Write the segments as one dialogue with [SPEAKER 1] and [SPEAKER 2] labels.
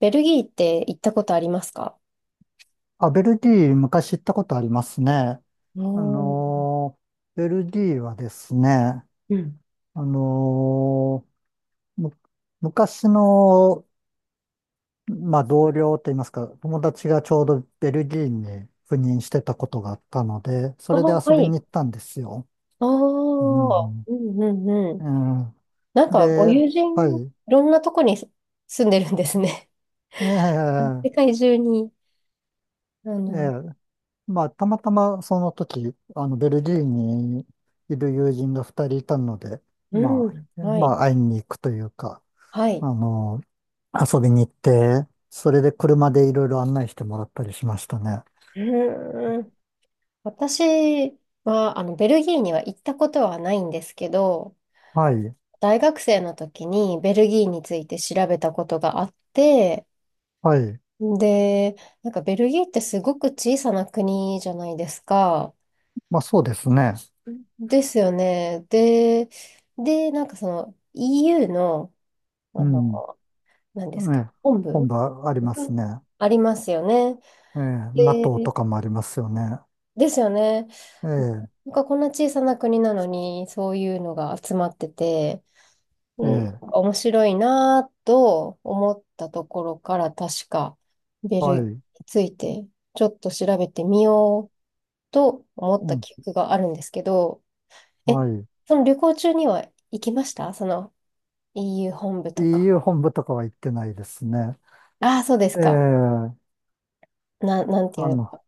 [SPEAKER 1] ベルギーって行ったことありますか？
[SPEAKER 2] あ、ベルディ、昔行ったことありますね。
[SPEAKER 1] お
[SPEAKER 2] あ
[SPEAKER 1] ー。
[SPEAKER 2] のーベルディはですね、あ
[SPEAKER 1] うん。
[SPEAKER 2] のーむ昔の、まあ、同僚といいますか、友達がちょうどベルギーに赴任してたことがあったので、そ
[SPEAKER 1] あ
[SPEAKER 2] れで
[SPEAKER 1] ーは
[SPEAKER 2] 遊び
[SPEAKER 1] い。
[SPEAKER 2] に行ったんですよ。
[SPEAKER 1] ああ、
[SPEAKER 2] うん、
[SPEAKER 1] うんうんうん。
[SPEAKER 2] うん
[SPEAKER 1] なんか、ご
[SPEAKER 2] で、
[SPEAKER 1] 友
[SPEAKER 2] は
[SPEAKER 1] 人、い
[SPEAKER 2] い。
[SPEAKER 1] ろんなとこに住んでるんですね。世
[SPEAKER 2] ええ
[SPEAKER 1] 界中に。あ
[SPEAKER 2] ええ
[SPEAKER 1] の、
[SPEAKER 2] まあ、たまたまその時、ベルギーにいる友人が2人いたので、
[SPEAKER 1] う
[SPEAKER 2] ま
[SPEAKER 1] ん、
[SPEAKER 2] あ、
[SPEAKER 1] は
[SPEAKER 2] ま
[SPEAKER 1] い。
[SPEAKER 2] あ、会いに行くというか、
[SPEAKER 1] はい。
[SPEAKER 2] あの、遊びに行って、それで車でいろいろ案内してもらったりしましたね。
[SPEAKER 1] うーん。私は、あの、ベルギーには行ったことはないんですけど、
[SPEAKER 2] はい、
[SPEAKER 1] 大学生の時にベルギーについて調べたことがあって、
[SPEAKER 2] はい。
[SPEAKER 1] で、なんかベルギーってすごく小さな国じゃないですか。
[SPEAKER 2] まあ、そうですね。
[SPEAKER 1] ですよね。で、で、なんかその EU の、
[SPEAKER 2] う
[SPEAKER 1] あ
[SPEAKER 2] ん。
[SPEAKER 1] の、何ですか、
[SPEAKER 2] ね、
[SPEAKER 1] 本
[SPEAKER 2] 本
[SPEAKER 1] 部
[SPEAKER 2] 場ありま
[SPEAKER 1] が
[SPEAKER 2] すね。
[SPEAKER 1] ありますよね。
[SPEAKER 2] ええ、NATO
[SPEAKER 1] で、
[SPEAKER 2] とかもありますよね。
[SPEAKER 1] ですよね。
[SPEAKER 2] ええ、
[SPEAKER 1] なんかこんな小さな国なのに、そういうのが集まってて、う
[SPEAKER 2] え
[SPEAKER 1] ん、
[SPEAKER 2] え、
[SPEAKER 1] 面白いなぁと思ったところから、確かベルギー
[SPEAKER 2] は
[SPEAKER 1] に
[SPEAKER 2] い。
[SPEAKER 1] ついてちょっと調べてみようと思っ
[SPEAKER 2] う
[SPEAKER 1] た
[SPEAKER 2] ん、
[SPEAKER 1] 記憶があるんですけど、え、
[SPEAKER 2] はい。
[SPEAKER 1] その旅行中には行きましたその EU 本部とか？
[SPEAKER 2] EU 本部とかは行ってないですね。
[SPEAKER 1] ああ、そうです
[SPEAKER 2] ええ、
[SPEAKER 1] か。なんていう
[SPEAKER 2] あ
[SPEAKER 1] の
[SPEAKER 2] の、
[SPEAKER 1] か。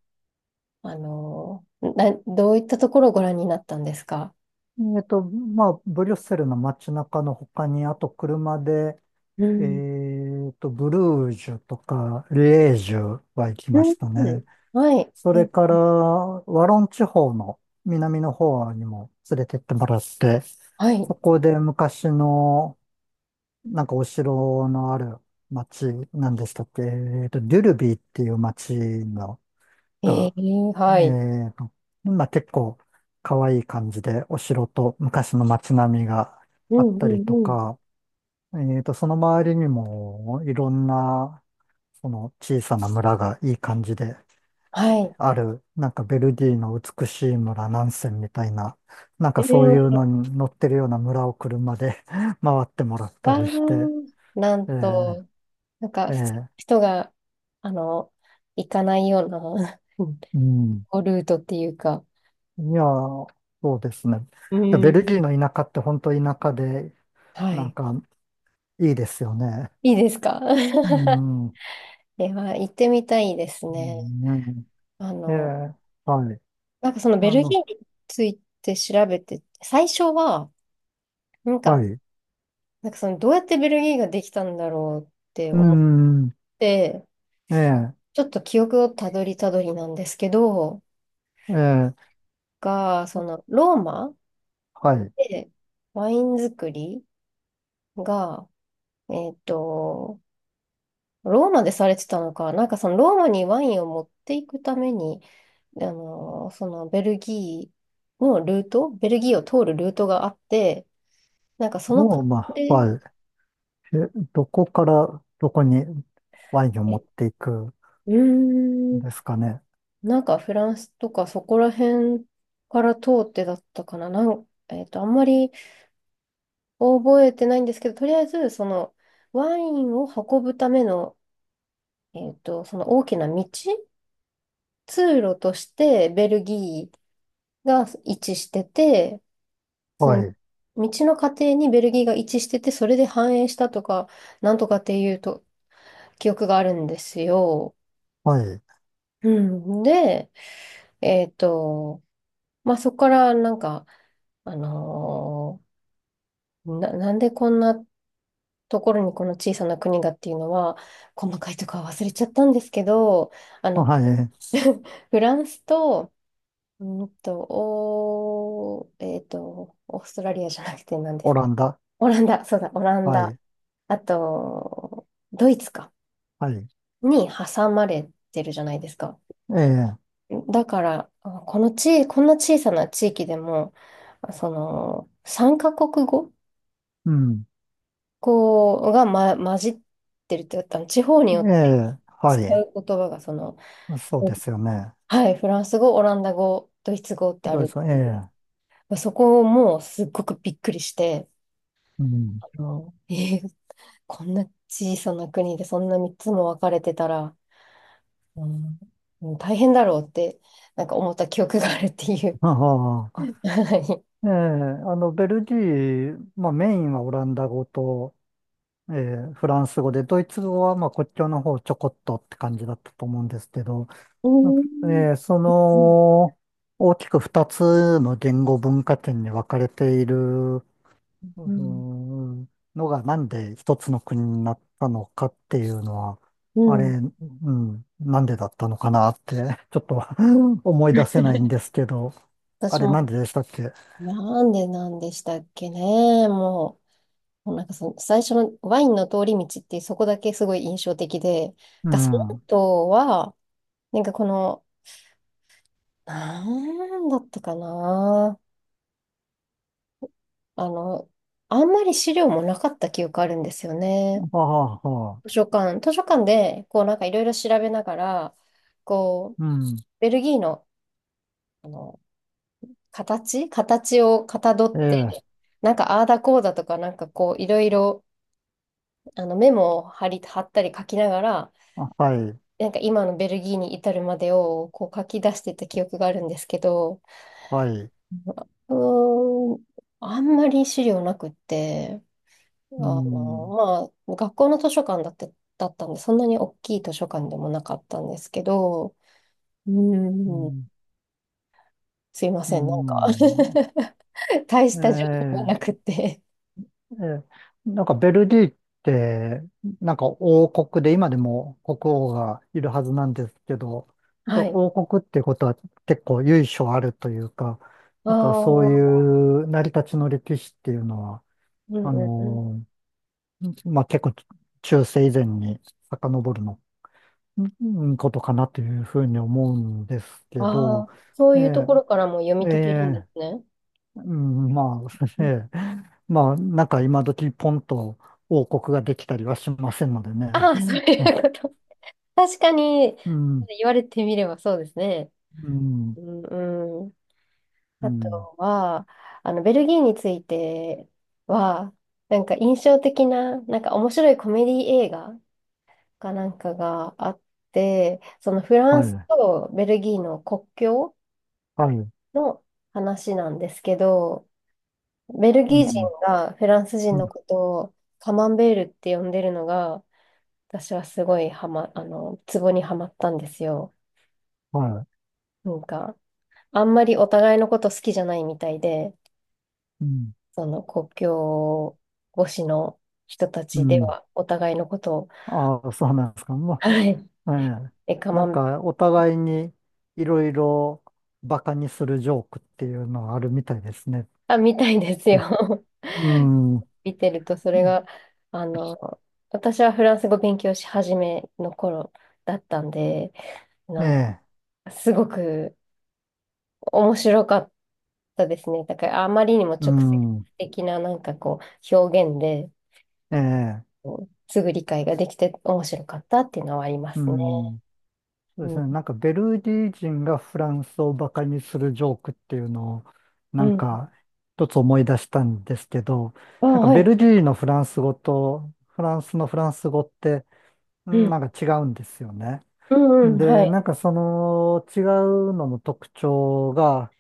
[SPEAKER 1] あのーな、どういったところをご覧になったんですか？
[SPEAKER 2] まあ、ブリュッセルの街中の他に、あと車で、
[SPEAKER 1] うん。
[SPEAKER 2] ブルージュとか、リエージュは行き
[SPEAKER 1] う
[SPEAKER 2] ま
[SPEAKER 1] ん。
[SPEAKER 2] したね。
[SPEAKER 1] はい。
[SPEAKER 2] そ
[SPEAKER 1] は
[SPEAKER 2] れ
[SPEAKER 1] い。
[SPEAKER 2] から、ワロン地方の南の方にも連れてってもらって、
[SPEAKER 1] は
[SPEAKER 2] そ
[SPEAKER 1] い。
[SPEAKER 2] こで昔の、なんかお城のある街なんでしたっけ、デュルビーっていう街の
[SPEAKER 1] え
[SPEAKER 2] が
[SPEAKER 1] ー、は
[SPEAKER 2] え
[SPEAKER 1] い。
[SPEAKER 2] ーと、まあ、結構可愛い感じでお城と昔の街並みが
[SPEAKER 1] う
[SPEAKER 2] あ
[SPEAKER 1] ん
[SPEAKER 2] っ
[SPEAKER 1] う
[SPEAKER 2] たりと
[SPEAKER 1] んうん。
[SPEAKER 2] か、その周りにもいろんなその小さな村がいい感じで
[SPEAKER 1] はい。
[SPEAKER 2] ある、なんかベルディの美しい村南線みたいな、なん
[SPEAKER 1] え
[SPEAKER 2] かそういう
[SPEAKER 1] ー、
[SPEAKER 2] のに乗ってるような村を車で 回ってもらった
[SPEAKER 1] わ
[SPEAKER 2] りして、
[SPEAKER 1] ー、なん
[SPEAKER 2] えー
[SPEAKER 1] と、なんか、
[SPEAKER 2] え
[SPEAKER 1] 普通の
[SPEAKER 2] ー
[SPEAKER 1] 人が、あの、行かないような
[SPEAKER 2] うん。
[SPEAKER 1] ルートっていうか、
[SPEAKER 2] いやー、そうですね。
[SPEAKER 1] う
[SPEAKER 2] ベ
[SPEAKER 1] ん。
[SPEAKER 2] ルギーの田舎って本当田舎で、
[SPEAKER 1] は
[SPEAKER 2] なん
[SPEAKER 1] い。
[SPEAKER 2] かいいですよね。
[SPEAKER 1] いいですか？
[SPEAKER 2] うん。う
[SPEAKER 1] で は、行ってみたいですね。
[SPEAKER 2] ん、ね
[SPEAKER 1] あ
[SPEAKER 2] ええ、
[SPEAKER 1] の、
[SPEAKER 2] はい。
[SPEAKER 1] なんかそのベ
[SPEAKER 2] あ
[SPEAKER 1] ル
[SPEAKER 2] の、
[SPEAKER 1] ギーについて調べて、最初は、なん
[SPEAKER 2] は
[SPEAKER 1] か、
[SPEAKER 2] い。
[SPEAKER 1] なんかそのどうやってベルギーができたんだろうって
[SPEAKER 2] う
[SPEAKER 1] 思っ
[SPEAKER 2] ん。
[SPEAKER 1] て、
[SPEAKER 2] ええ、
[SPEAKER 1] ちょっと記憶をたどりたどりなんですけど、
[SPEAKER 2] ええ、
[SPEAKER 1] が、そのローマ
[SPEAKER 2] はい。
[SPEAKER 1] でワイン作りが、えっと、ローマでされてたのか、なんかそのローマにワインを持っていくために、そのベルギーのルート、ベルギーを通るルートがあって、なんかその過
[SPEAKER 2] ロー
[SPEAKER 1] 程
[SPEAKER 2] マ、
[SPEAKER 1] で、
[SPEAKER 2] はい。え、どこからどこにワインを持っていくん
[SPEAKER 1] うーん、
[SPEAKER 2] ですかね。
[SPEAKER 1] なんかフランスとかそこら辺から通ってだったかな、あんまり覚えてないんですけど、とりあえずそのワインを運ぶための、その大きな道、通路としてベルギーが位置してて、そ
[SPEAKER 2] は
[SPEAKER 1] の
[SPEAKER 2] い。
[SPEAKER 1] 道の過程にベルギーが位置してて、それで繁栄したとかなんとかっていうと記憶があるんですよ。
[SPEAKER 2] はい。
[SPEAKER 1] うん、で、えっと、そこからなんか、あのなんでこんなところにこの小さな国がっていうのは、細かいとかは忘れちゃったんですけど、あ
[SPEAKER 2] は
[SPEAKER 1] の、
[SPEAKER 2] い。
[SPEAKER 1] フランスと、うんと、おー、えっと、オーストラリアじゃなくて何で
[SPEAKER 2] オ
[SPEAKER 1] す？
[SPEAKER 2] ランダ。
[SPEAKER 1] オランダ、そうだ、オラン
[SPEAKER 2] は
[SPEAKER 1] ダ。
[SPEAKER 2] い。
[SPEAKER 1] あと、ドイツか、
[SPEAKER 2] はい。
[SPEAKER 1] に挟まれてるじゃないですか。
[SPEAKER 2] ええ、
[SPEAKER 1] だから、あこのち、こんな小さな地域でも、その、3カ国語
[SPEAKER 2] うん。
[SPEAKER 1] こうが、ま、混じってるって言ったの、地方に
[SPEAKER 2] え
[SPEAKER 1] よって
[SPEAKER 2] え、は
[SPEAKER 1] 使
[SPEAKER 2] い。
[SPEAKER 1] う言葉が、その、
[SPEAKER 2] そうですよね。
[SPEAKER 1] はい、フランス語、オランダ語、ドイツ語ってあ
[SPEAKER 2] どうです
[SPEAKER 1] る。
[SPEAKER 2] か。ええ、
[SPEAKER 1] そこをもうすっごくびっくりして、
[SPEAKER 2] うん。
[SPEAKER 1] あのえーこんな小さな国でそんな3つも分かれてたら、うんうん大変だろうって、なんか思った記憶があるっていう。
[SPEAKER 2] はは
[SPEAKER 1] はい。
[SPEAKER 2] ええ、ベルギー、まあメインはオランダ語と、ええ、フランス語で、ドイツ語はまあ国境の方ちょこっとって感じだったと思うんですけど、
[SPEAKER 1] うん。
[SPEAKER 2] ええ、
[SPEAKER 1] う
[SPEAKER 2] 大きく2つの言語文化圏に分かれている、ー
[SPEAKER 1] ん。
[SPEAKER 2] んのがなんで一つの国になったのかっていうのは、
[SPEAKER 1] う
[SPEAKER 2] あれ、
[SPEAKER 1] ん。
[SPEAKER 2] うん、なんでだったのかなって、ちょっと 思い出せないんですけど、あ
[SPEAKER 1] 私
[SPEAKER 2] れ
[SPEAKER 1] も、
[SPEAKER 2] なんででしたっけ
[SPEAKER 1] なんでなんでしたっけね。もうなんかその最初のワインの通り道ってそこだけすごい印象的で、
[SPEAKER 2] う
[SPEAKER 1] がその
[SPEAKER 2] ん。
[SPEAKER 1] 後は、なんかこの、なんだったかな。あの、あんまり資料もなかった記憶あるんですよね。
[SPEAKER 2] ああ、はあ、
[SPEAKER 1] 図書館で、こうなんかいろいろ調べながら、こう、
[SPEAKER 2] うん。
[SPEAKER 1] ベルギーの形をかたどっ
[SPEAKER 2] え
[SPEAKER 1] て、
[SPEAKER 2] え、
[SPEAKER 1] なんかああだこうだとか、なんかこういろいろあのメモを貼ったり書きながら、
[SPEAKER 2] あはい、
[SPEAKER 1] なんか今のベルギーに至るまでをこう書き出してた記憶があるんですけど、
[SPEAKER 2] はい。
[SPEAKER 1] うーん、あんまり資料なくって、あ
[SPEAKER 2] うん、
[SPEAKER 1] の、まあ、学校の図書館だって、だったんで、そんなに大きい図書館でもなかったんですけど、う
[SPEAKER 2] う
[SPEAKER 1] ーん、
[SPEAKER 2] ん、
[SPEAKER 1] すいま
[SPEAKER 2] う
[SPEAKER 1] せん、なんか
[SPEAKER 2] ん。
[SPEAKER 1] 大
[SPEAKER 2] え
[SPEAKER 1] した情報が
[SPEAKER 2] え、
[SPEAKER 1] なくって。
[SPEAKER 2] ええ、なんかベルギーって、なんか王国で、今でも国王がいるはずなんですけど、やっ
[SPEAKER 1] は
[SPEAKER 2] ぱ
[SPEAKER 1] い。
[SPEAKER 2] 王国ってことは結構由緒あるというか、
[SPEAKER 1] あ
[SPEAKER 2] なんかそうい
[SPEAKER 1] あ、
[SPEAKER 2] う成り立ちの歴史っていうのは、
[SPEAKER 1] うん
[SPEAKER 2] あ
[SPEAKER 1] うんうん。
[SPEAKER 2] のまあ、結構中世以前に遡るのうんことかなというふうに思うんですけ
[SPEAKER 1] あ
[SPEAKER 2] ど、
[SPEAKER 1] あ、そう
[SPEAKER 2] え
[SPEAKER 1] いうところからも読み
[SPEAKER 2] ええ
[SPEAKER 1] 解けるんで
[SPEAKER 2] え
[SPEAKER 1] すね。
[SPEAKER 2] うん、まあ、ええ、まあ、なんか今時ポンと王国ができたりはしませんのでね。
[SPEAKER 1] ああー、そう いうこと。確かに、
[SPEAKER 2] うん、
[SPEAKER 1] 言われてみればそうですね。
[SPEAKER 2] うん、
[SPEAKER 1] うんうん。
[SPEAKER 2] う
[SPEAKER 1] あと
[SPEAKER 2] ん、
[SPEAKER 1] は、あの、ベルギーについては、なんか印象的な、なんか面白いコメディ映画かなんかがあって、そのフラン
[SPEAKER 2] は
[SPEAKER 1] ス
[SPEAKER 2] い、
[SPEAKER 1] とベルギーの国境
[SPEAKER 2] はい、
[SPEAKER 1] の話なんですけど、ベル
[SPEAKER 2] う
[SPEAKER 1] ギー人
[SPEAKER 2] ん、
[SPEAKER 1] がフランス
[SPEAKER 2] う
[SPEAKER 1] 人の
[SPEAKER 2] ん、
[SPEAKER 1] ことをカマンベールって呼んでるのが、私はすごいハマ、あの、ツボにはまったんですよ。
[SPEAKER 2] はい、
[SPEAKER 1] なんか、あんまりお互いのこと好きじゃないみたいで、
[SPEAKER 2] うん、
[SPEAKER 1] その国境越しの人た
[SPEAKER 2] う
[SPEAKER 1] ちで
[SPEAKER 2] ん。
[SPEAKER 1] はお互いのことを、
[SPEAKER 2] ああ、そうなんですか。ま
[SPEAKER 1] はい、
[SPEAKER 2] あ、ええ
[SPEAKER 1] え、カ
[SPEAKER 2] な
[SPEAKER 1] マン
[SPEAKER 2] ん
[SPEAKER 1] ベール、
[SPEAKER 2] かお互いにいろいろバカにするジョークっていうのはあるみたいですね。
[SPEAKER 1] あ、みたいですよ。
[SPEAKER 2] うん、う
[SPEAKER 1] 見てると、それ
[SPEAKER 2] ん
[SPEAKER 1] が、あの、私はフランス語勉強し始めの頃だったんで、なん
[SPEAKER 2] ええ
[SPEAKER 1] かすごく面白かった。そうですね。だからあまりにも
[SPEAKER 2] う
[SPEAKER 1] 直接
[SPEAKER 2] ん、
[SPEAKER 1] 的ななんかこう表現で
[SPEAKER 2] ええ、
[SPEAKER 1] すぐ理解ができて面白かったっていうのはありま
[SPEAKER 2] う
[SPEAKER 1] すね。
[SPEAKER 2] ん、そうで
[SPEAKER 1] う
[SPEAKER 2] す
[SPEAKER 1] ん。
[SPEAKER 2] ね。なんかベルギー人がフランスをバカにするジョークっていうのを、
[SPEAKER 1] う
[SPEAKER 2] なん
[SPEAKER 1] ん。
[SPEAKER 2] か一つ思い出したんですけど、
[SPEAKER 1] あ、
[SPEAKER 2] なんか
[SPEAKER 1] は
[SPEAKER 2] ベ
[SPEAKER 1] い。
[SPEAKER 2] ルギーのフランス語とフランスのフランス語って、う
[SPEAKER 1] う
[SPEAKER 2] ん
[SPEAKER 1] ん。
[SPEAKER 2] なんか違うんですよね。
[SPEAKER 1] うんうん。は
[SPEAKER 2] で、
[SPEAKER 1] い。
[SPEAKER 2] なんかその違うのの特徴が、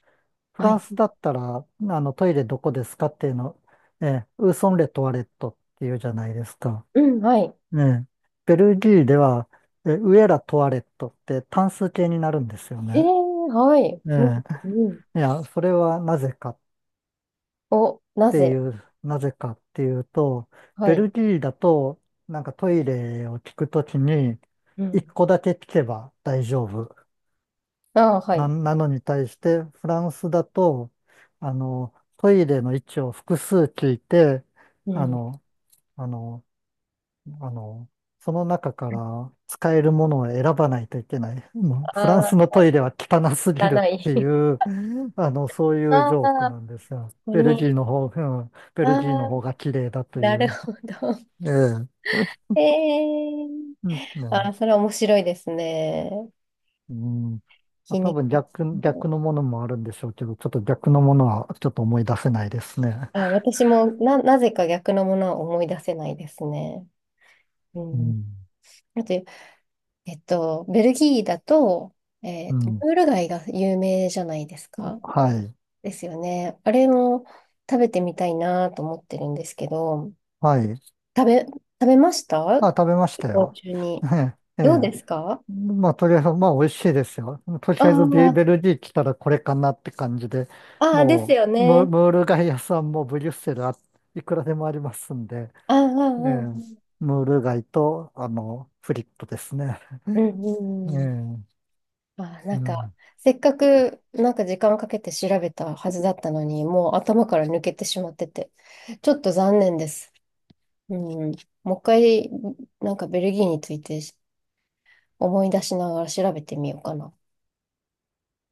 [SPEAKER 2] フ
[SPEAKER 1] は
[SPEAKER 2] ラン
[SPEAKER 1] い。
[SPEAKER 2] スだったら、あのトイレどこですかっていうの、ええ、ウーソンレトワレットっていうじゃないですか。
[SPEAKER 1] うん。はい。
[SPEAKER 2] ええ、ベルギーでは、ウエラ・トワレットって単数形になるんですよ
[SPEAKER 1] ええ
[SPEAKER 2] ね。
[SPEAKER 1] はい。うん。
[SPEAKER 2] え
[SPEAKER 1] うん。
[SPEAKER 2] え、いや、それは
[SPEAKER 1] お、なぜ？
[SPEAKER 2] なぜかっていうと、
[SPEAKER 1] は
[SPEAKER 2] ベ
[SPEAKER 1] い。
[SPEAKER 2] ルギーだと、なんかトイレを聞くときに、
[SPEAKER 1] う
[SPEAKER 2] 一
[SPEAKER 1] ん。
[SPEAKER 2] 個だけ聞けば大丈夫。
[SPEAKER 1] あ、はい。
[SPEAKER 2] なのに対して、フランスだと、トイレの位置を複数聞いて、
[SPEAKER 1] う
[SPEAKER 2] あ
[SPEAKER 1] ん。
[SPEAKER 2] の、あの、あの、その中から使えるものを選ばないといけない。もう
[SPEAKER 1] あ
[SPEAKER 2] フランスの
[SPEAKER 1] あ、
[SPEAKER 2] トイレは汚すぎるっ
[SPEAKER 1] 汚い。
[SPEAKER 2] てい う、そういう
[SPEAKER 1] あ
[SPEAKER 2] ジョーク
[SPEAKER 1] あ、こ
[SPEAKER 2] なんですよ。
[SPEAKER 1] こ
[SPEAKER 2] ベルギ
[SPEAKER 1] に。
[SPEAKER 2] ーの方、ベ
[SPEAKER 1] あ
[SPEAKER 2] ルギーの方
[SPEAKER 1] あ、
[SPEAKER 2] が綺麗だと
[SPEAKER 1] な
[SPEAKER 2] い
[SPEAKER 1] る
[SPEAKER 2] う。
[SPEAKER 1] ほど。
[SPEAKER 2] ええ。
[SPEAKER 1] ええ。
[SPEAKER 2] うんね
[SPEAKER 1] ああ、それは面白いですね。
[SPEAKER 2] うん。まあ、
[SPEAKER 1] 皮
[SPEAKER 2] 多
[SPEAKER 1] 肉。
[SPEAKER 2] 分逆のものもあるんでしょうけど、ちょっと逆のものはちょっと思い出せないですね。
[SPEAKER 1] あ、私もなぜか逆のものは思い出せないですね。う
[SPEAKER 2] う
[SPEAKER 1] ん。
[SPEAKER 2] ん。
[SPEAKER 1] あと、えっと、ベルギーだと、え
[SPEAKER 2] う
[SPEAKER 1] っと、
[SPEAKER 2] ん。
[SPEAKER 1] ムール貝が有名じゃないですか。
[SPEAKER 2] はい。
[SPEAKER 1] ですよね。あれも食べてみたいなと思ってるんですけど、
[SPEAKER 2] はい。
[SPEAKER 1] 食べました
[SPEAKER 2] あ、食べまし
[SPEAKER 1] 旅
[SPEAKER 2] た
[SPEAKER 1] 行
[SPEAKER 2] よ。
[SPEAKER 1] 中 に？
[SPEAKER 2] ええ。え
[SPEAKER 1] どう
[SPEAKER 2] え
[SPEAKER 1] ですか？
[SPEAKER 2] まあ、とりあえず、まあ、美味しいですよ。とり
[SPEAKER 1] あ
[SPEAKER 2] あえず
[SPEAKER 1] あー、
[SPEAKER 2] ベルギー来たらこれかなって感じで、
[SPEAKER 1] あーです
[SPEAKER 2] も
[SPEAKER 1] よ
[SPEAKER 2] う、
[SPEAKER 1] ね。
[SPEAKER 2] ムール貝屋さんもブリュッセルいくらでもありますんで、
[SPEAKER 1] ああ、あ
[SPEAKER 2] ええ
[SPEAKER 1] ーあー、
[SPEAKER 2] ムール貝と、フリットですね。
[SPEAKER 1] うんう
[SPEAKER 2] え
[SPEAKER 1] んうん。
[SPEAKER 2] え
[SPEAKER 1] まあ、な
[SPEAKER 2] う
[SPEAKER 1] んか、
[SPEAKER 2] ん
[SPEAKER 1] せっかく、なんか時間かけて調べたはずだったのに、もう頭から抜けてしまってて、ちょっと残念です。うん。もう一回、なんかベルギーについて思い出しながら調べてみようかな。